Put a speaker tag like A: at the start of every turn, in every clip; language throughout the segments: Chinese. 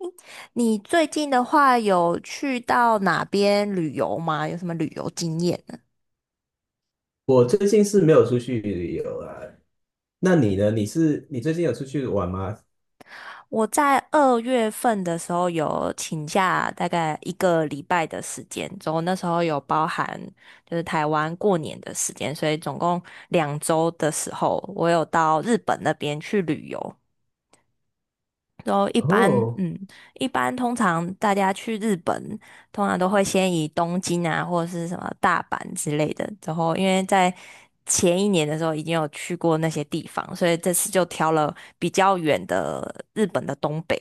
A: 你最近的话有去到哪边旅游吗？有什么旅游经验呢。
B: 我最近是没有出去旅游啊，那你呢？你最近有出去玩吗？
A: 我在二月份的时候有请假，大概一个礼拜的时间，然后那时候有包含就是台湾过年的时间，所以总共2周的时候，我有到日本那边去旅游。然后
B: 哦
A: 一般通常大家去日本，通常都会先以东京啊，或者是什么大阪之类的。然后因为在前一年的时候已经有去过那些地方，所以这次就挑了比较远的日本的东北，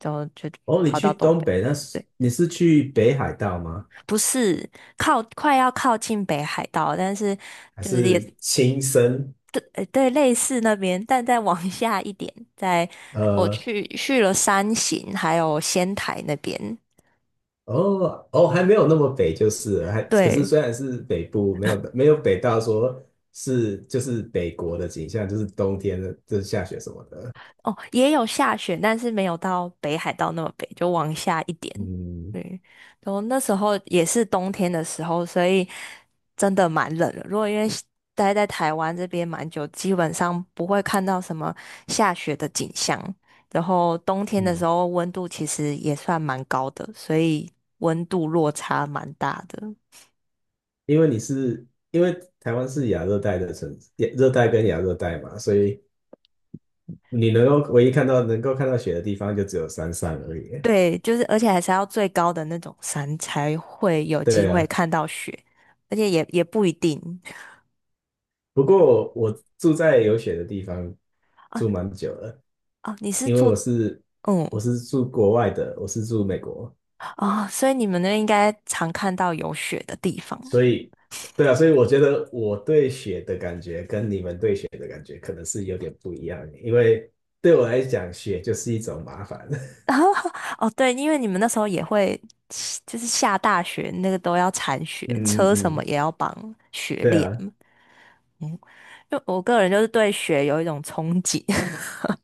A: 然后就
B: 哦，你
A: 跑到
B: 去
A: 东
B: 东
A: 北。
B: 北，那是
A: 对，
B: 你是去北海道吗？
A: 不是靠快要靠近北海道，但是
B: 还
A: 就是也
B: 是亲身？
A: 对对类似那边，但再往下一点，在我
B: 呃，
A: 去了山形还有仙台那边。
B: 哦哦，还没有那么北就是了，还可是
A: 对。
B: 虽然是北部，没有北到说是就是北国的景象，就是冬天的就是下雪什么的。
A: 哦，也有下雪，但是没有到北海道那么北，就往下一点。
B: 嗯
A: 对，然后那时候也是冬天的时候，所以真的蛮冷的。如果因为待在台湾这边蛮久，基本上不会看到什么下雪的景象。然后冬天的时
B: 嗯，
A: 候，温度其实也算蛮高的，所以温度落差蛮大的。
B: 因为你是因为台湾是亚热带的城，亚热带跟亚热带嘛，所以你能够唯一看到能够看到雪的地方就只有山上而已。
A: 对，就是而且还是要最高的那种山才会有机
B: 对
A: 会
B: 啊，
A: 看到雪，而且也不一定。
B: 不过我住在有雪的地方
A: 啊。
B: 住蛮久了，
A: 哦，你是
B: 因为
A: 住。
B: 我是
A: 嗯。
B: 我是住国外的，我是住美国，
A: 哦，所以你们那边应该常看到有雪的地方。
B: 所 以对啊，所以我觉得我对雪的感觉跟你们对雪的感觉可能是有点不一样，因为对我来讲，雪就是一种麻烦。
A: 然后哦，对，因为你们那时候也会，就是下大雪那个都要铲雪，
B: 嗯嗯
A: 车什么
B: 嗯，
A: 也要绑雪
B: 对
A: 链
B: 啊，
A: 嘛。就我个人就是对雪有一种憧憬。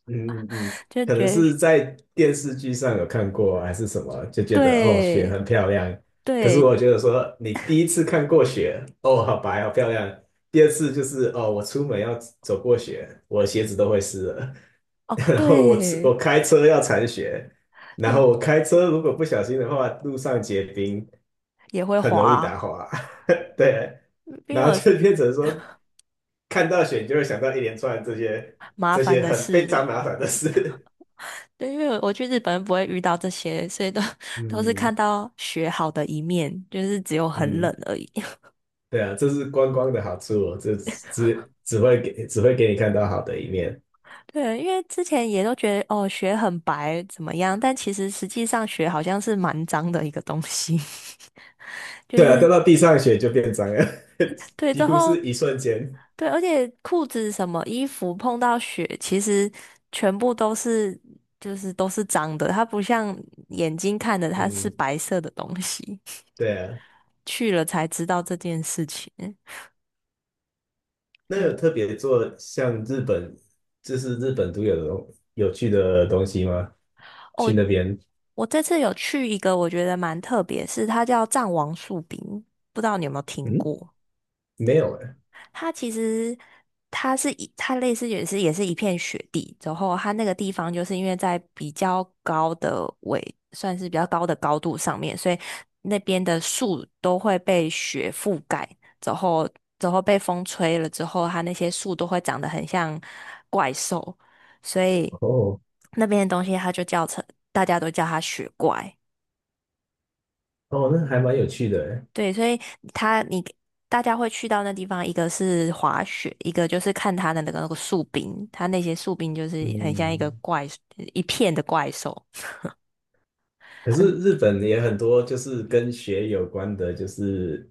B: 嗯嗯嗯，
A: 就
B: 可能
A: 觉得
B: 是在电视剧上有看过，还是什么，就觉得哦，雪
A: 对
B: 很漂亮。可是
A: 对。
B: 我觉得说，你第一次看过雪，哦，好白，好漂亮。第二次就是哦，我出门要走过雪，我鞋子都会湿了。
A: 哦。
B: 然后我吃
A: 对
B: 我开车要铲雪，然
A: 对，
B: 后我开车如果不小心的话，路上结冰，
A: 也会
B: 很容易打
A: 滑。
B: 滑。对，
A: 因为
B: 然后
A: 我是
B: 就变成说，看到雪你就会想到一连串这些
A: 麻烦的
B: 很非
A: 事。
B: 常麻烦的事。
A: 对，因为我去日本不会遇到这些，所以都 都是看
B: 嗯
A: 到雪好的一面，就是只有很冷
B: 嗯，
A: 而已。
B: 对啊，这是观光的好处哦，这只只会给只会给你看到好的一面。
A: 对，因为之前也都觉得哦，雪很白怎么样，但其实实际上雪好像是蛮脏的一个东西。就
B: 对啊，掉
A: 是
B: 到地上血就变脏了，
A: 对。
B: 几
A: 之
B: 乎是
A: 后
B: 一瞬间。
A: 对，而且裤子什么衣服碰到雪，其实全部都是，就是都是脏的，它不像眼睛看的它是
B: 嗯，
A: 白色的东西。
B: 对啊，
A: 去了才知道这件事情。
B: 那有
A: 嗯。
B: 特别做像日本，就是日本独有的有趣的东西吗？
A: 哦，
B: 去那边？
A: 我这次有去一个我觉得蛮特别，是它叫藏王树饼，不知道你有没有听
B: 嗯，
A: 过？
B: 没有哎。
A: 它其实它类似也是一片雪地，然后它那个地方就是因为在比较高的纬，算是比较高的高度上面，所以那边的树都会被雪覆盖，然后然后被风吹了之后，它那些树都会长得很像怪兽，所以
B: 哦
A: 那边的东西它就叫成大家都叫它雪怪。
B: 哦，那还蛮有趣的哎。
A: 对，所以他你大家会去到那地方，一个是滑雪，一个就是看他的那个树冰，他那些树冰就是很像
B: 嗯，
A: 一片的怪兽。
B: 可
A: 很
B: 是日本也很多，就是跟雪有关的，就是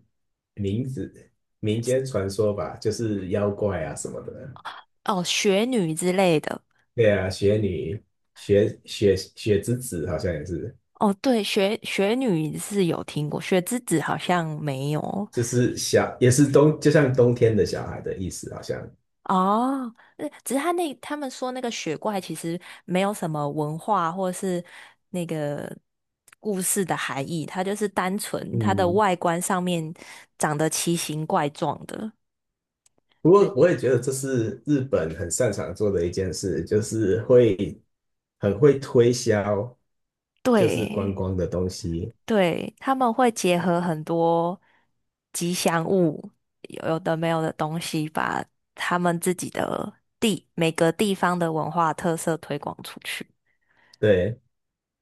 B: 名字、民间传说吧，就是妖怪啊什么的。
A: 哦，雪女之类的。
B: 对啊，雪女、雪之子好像也是，
A: 哦，对，雪女是有听过，雪之子好像没有。
B: 就是小，也是冬，就像冬天的小孩的意思，好像。
A: 哦，只是他们说那个雪怪其实没有什么文化或是那个故事的含义，它就是单纯它的
B: 嗯，
A: 外观上面长得奇形怪状的。
B: 不
A: 对
B: 过我也觉得这是日本很擅长做的一件事，就是会很会推销，就是观
A: 对，
B: 光的东西。
A: 对，他们会结合很多吉祥物，有的没有的东西，把他们自己的每个地方的文化特色推广出去。
B: 对，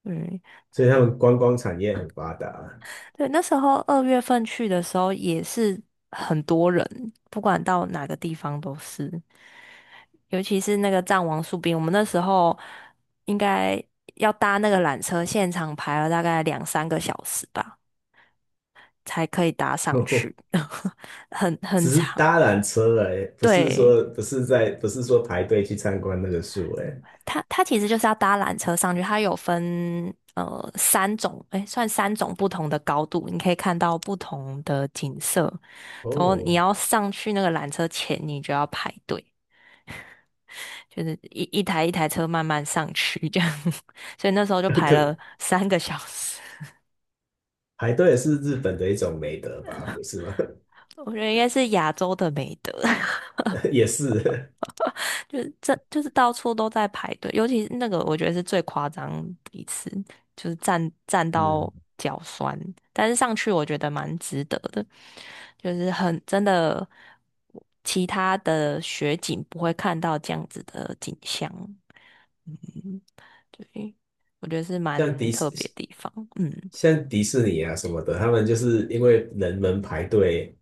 A: 嗯。
B: 所以他们观光产业很发达。
A: 对，那时候二月份去的时候也是很多人，不管到哪个地方都是，尤其是那个藏王树冰，我们那时候应该要搭那个缆车，现场排了大概2、3个小时吧，才可以搭上去，很很
B: 只是
A: 长。
B: 搭缆车哎，不是
A: 对，
B: 说不是在不是说排队去参观那个树哎。
A: 它其实就是要搭缆车上去，它有分三种，哎，算三种不同的高度，你可以看到不同的景色。然后
B: 哦，
A: 你要上去那个缆车前，你就要排队，就是一台一台车慢慢上去这样。所以那时候就 排
B: 可
A: 了3个小时。
B: 排队是日本的一种美德吧？不是吗？
A: 我觉得应该是亚洲的美德。
B: 也是，
A: 就是这就是到处都在排队，尤其是那个我觉得是最夸张一次，就是站到
B: 嗯，
A: 脚酸，但是上去我觉得蛮值得的，就是很真的，其他的雪景不会看到这样子的景象。嗯，对，我觉得是
B: 像
A: 蛮
B: 迪
A: 特别
B: 士
A: 的地方。嗯，
B: 像迪士尼啊什么的，他们就是因为人们排队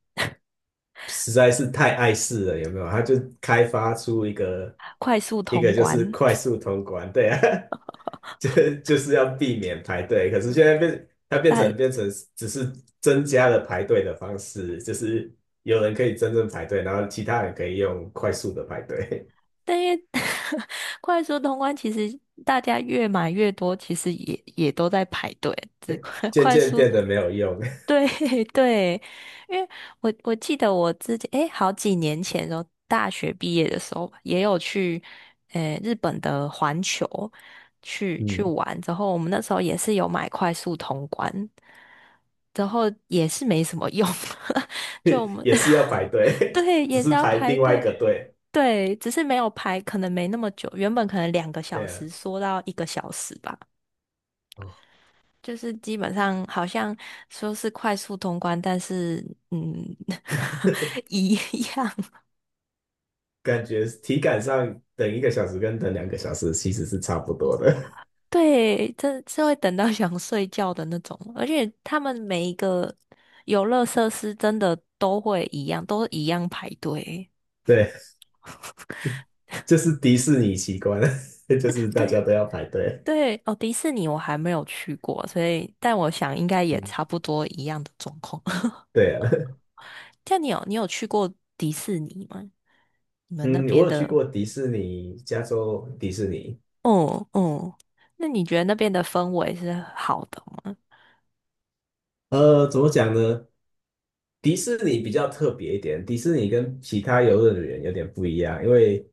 B: 实在是太碍事了，有没有？他就开发出
A: 快速
B: 一个
A: 通
B: 就是
A: 关，
B: 快速通关，对啊，就就是要避免排队。可是现在变，它变成
A: 但
B: 变成只是增加了排队的方式，就是有人可以真正排队，然后其他人可以用快速的排队，
A: 但因为 快速通关其实大家越买越多，其实也都在排队。这快
B: 渐
A: 快
B: 渐
A: 速
B: 变得没有用。
A: 对 对，因为我记得我自己好几年前的时候，大学毕业的时候吧也有去日本的环球去
B: 嗯，
A: 玩，之后我们那时候也是有买快速通关，然后也是没什么用。就我们
B: 也是要排 队，
A: 对，
B: 只
A: 也是
B: 是
A: 要
B: 排
A: 排
B: 另外一
A: 队。
B: 个队。
A: 对，只是没有排，可能没那么久，原本可能两个小
B: 对啊，
A: 时缩到1个小时吧。
B: 哦，
A: 就是基本上好像说是快速通关，但是嗯，一样。
B: 感觉体感上等一个小时跟等两个小时其实是差不多的。
A: 对，这是会等到想睡觉的那种，而且他们每一个游乐设施真的都会一样，都一样排队。
B: 对，就是迪士尼奇观，就是大
A: 对
B: 家都要排队。
A: 对，哦，迪士尼我还没有去过，所以但我想应该也差
B: 嗯，
A: 不多一样的状况。
B: 对啊。
A: 像你有去过迪士尼吗？你们那
B: 嗯，
A: 边
B: 我有去
A: 的？
B: 过迪士尼，加州迪士尼。
A: 哦哦，那你觉得那边的氛围是好的吗？
B: 呃，怎么讲呢？迪士尼比较特别一点，迪士尼跟其他游乐园有点不一样，因为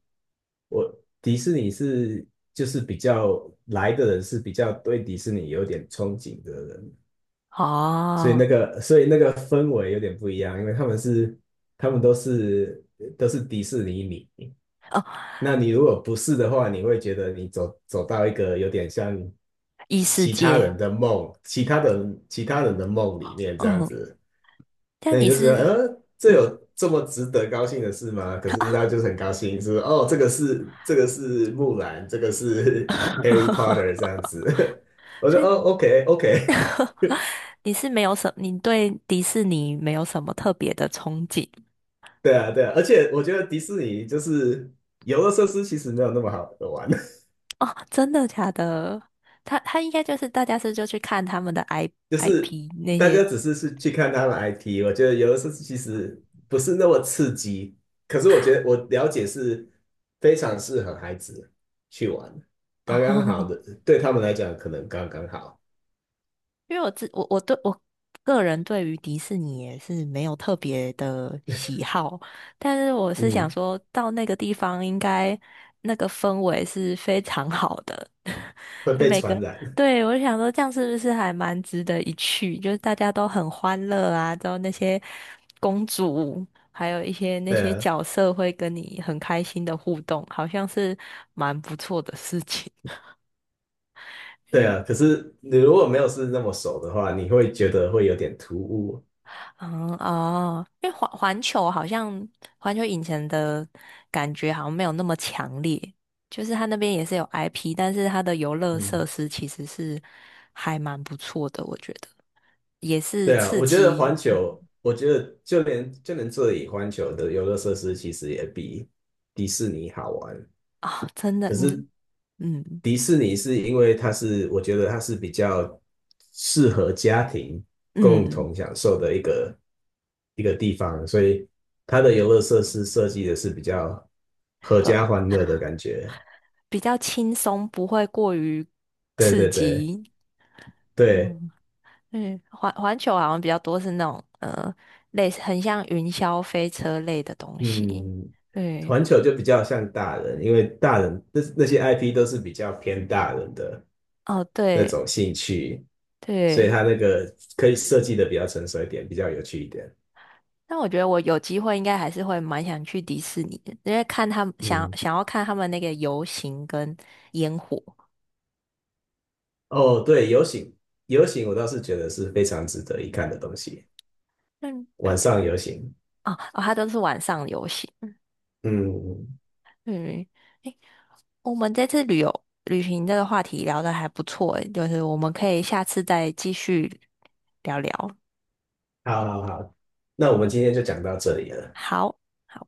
B: 我迪士尼是就是比较来的人是比较对迪士尼有点憧憬的人，所以
A: 哦，
B: 那个所以那个氛围有点不一样，因为他们都是迪士尼迷，那你如果不是的话，你会觉得你走到一个有点像
A: 异世
B: 其他
A: 界。
B: 人的梦，其他人的梦里面这样
A: 嗯，
B: 子，那
A: 但
B: 你
A: 你
B: 就觉得，
A: 是。
B: 呃，
A: 嗯。
B: 这么值得高兴的事吗？可是他就是很高兴，是哦，这个是木兰，这个是 Harry Potter 这 样子，我说
A: 所
B: 哦
A: 以
B: ，OK OK，
A: 你对迪士尼没有什么特别的憧憬。
B: 对啊对啊，而且我觉得迪士尼就是游乐设施其实没有那么好玩。
A: 哦？真的假的？他应该就是大家是就去看他们的
B: 就是
A: IP 那
B: 大家
A: 些。
B: 只是去看他的 i p， 我觉得有的时候其实不是那么刺激，可是我觉得我了解是非常适合孩子去玩，刚刚好
A: 哦，
B: 的，对他们来讲可能刚刚好，
A: 因为我自我我对我个人对于迪士尼也是没有特别的喜好，但是我是想
B: 嗯，
A: 说到那个地方应该那个氛围是非常好的。
B: 会
A: 就
B: 被
A: 每个，
B: 传染，
A: 对，我就想说这样是不是还蛮值得一去？就是大家都很欢乐啊，之后那些公主还有一些那
B: 对
A: 些
B: 啊，
A: 角色会跟你很开心的互动，好像是蛮不错的事情。
B: 对啊，可是你如果没有是那么熟的话，你会觉得会有点突兀，
A: 嗯。哦，因为环球好像环球影城的感觉好像没有那么强烈，就是它那边也是有 IP，但是它的游乐设
B: 嗯，
A: 施其实是还蛮不错的，我觉得也是
B: 对啊，
A: 刺
B: 我觉得
A: 激。
B: 环
A: 嗯
B: 球，我觉得就连这里环球的游乐设施其实也比迪士尼好玩。
A: 啊、真的，
B: 可
A: 你。
B: 是
A: 嗯
B: 迪士尼是因为它是，我觉得它是比较适合家庭共
A: 嗯，
B: 同享受的一个地方，所以它的游乐设施设计的是比较合家
A: 和
B: 欢乐的感觉。
A: 比较轻松，不会过于
B: 对
A: 刺
B: 对对
A: 激。
B: 对，
A: 嗯嗯，环球好像比较多是那种类似很像云霄飞车类的东西。
B: 嗯，
A: 对，
B: 环球就比较像大人，因为大人那些 IP 都是比较偏大人的
A: 哦，
B: 那
A: 对
B: 种兴趣，所以
A: 对，
B: 它那个可以设计的比较成熟一点，比较有趣一点。
A: 那我觉得我有机会应该还是会蛮想去迪士尼的，因为看他们想
B: 嗯。
A: 想要看他们那个游行跟烟火。
B: 哦，对，游行，游行我倒是觉得是非常值得一看的东西。
A: 嗯，
B: 晚
A: 对，
B: 上游行，
A: 哦哦，它都是晚上游行。
B: 嗯，
A: 嗯，诶，我们这次旅行这个话题聊得还不错。诶，就是我们可以下次再继续聊聊。
B: 好好好，那我们今天就讲到这里了。
A: 好，好。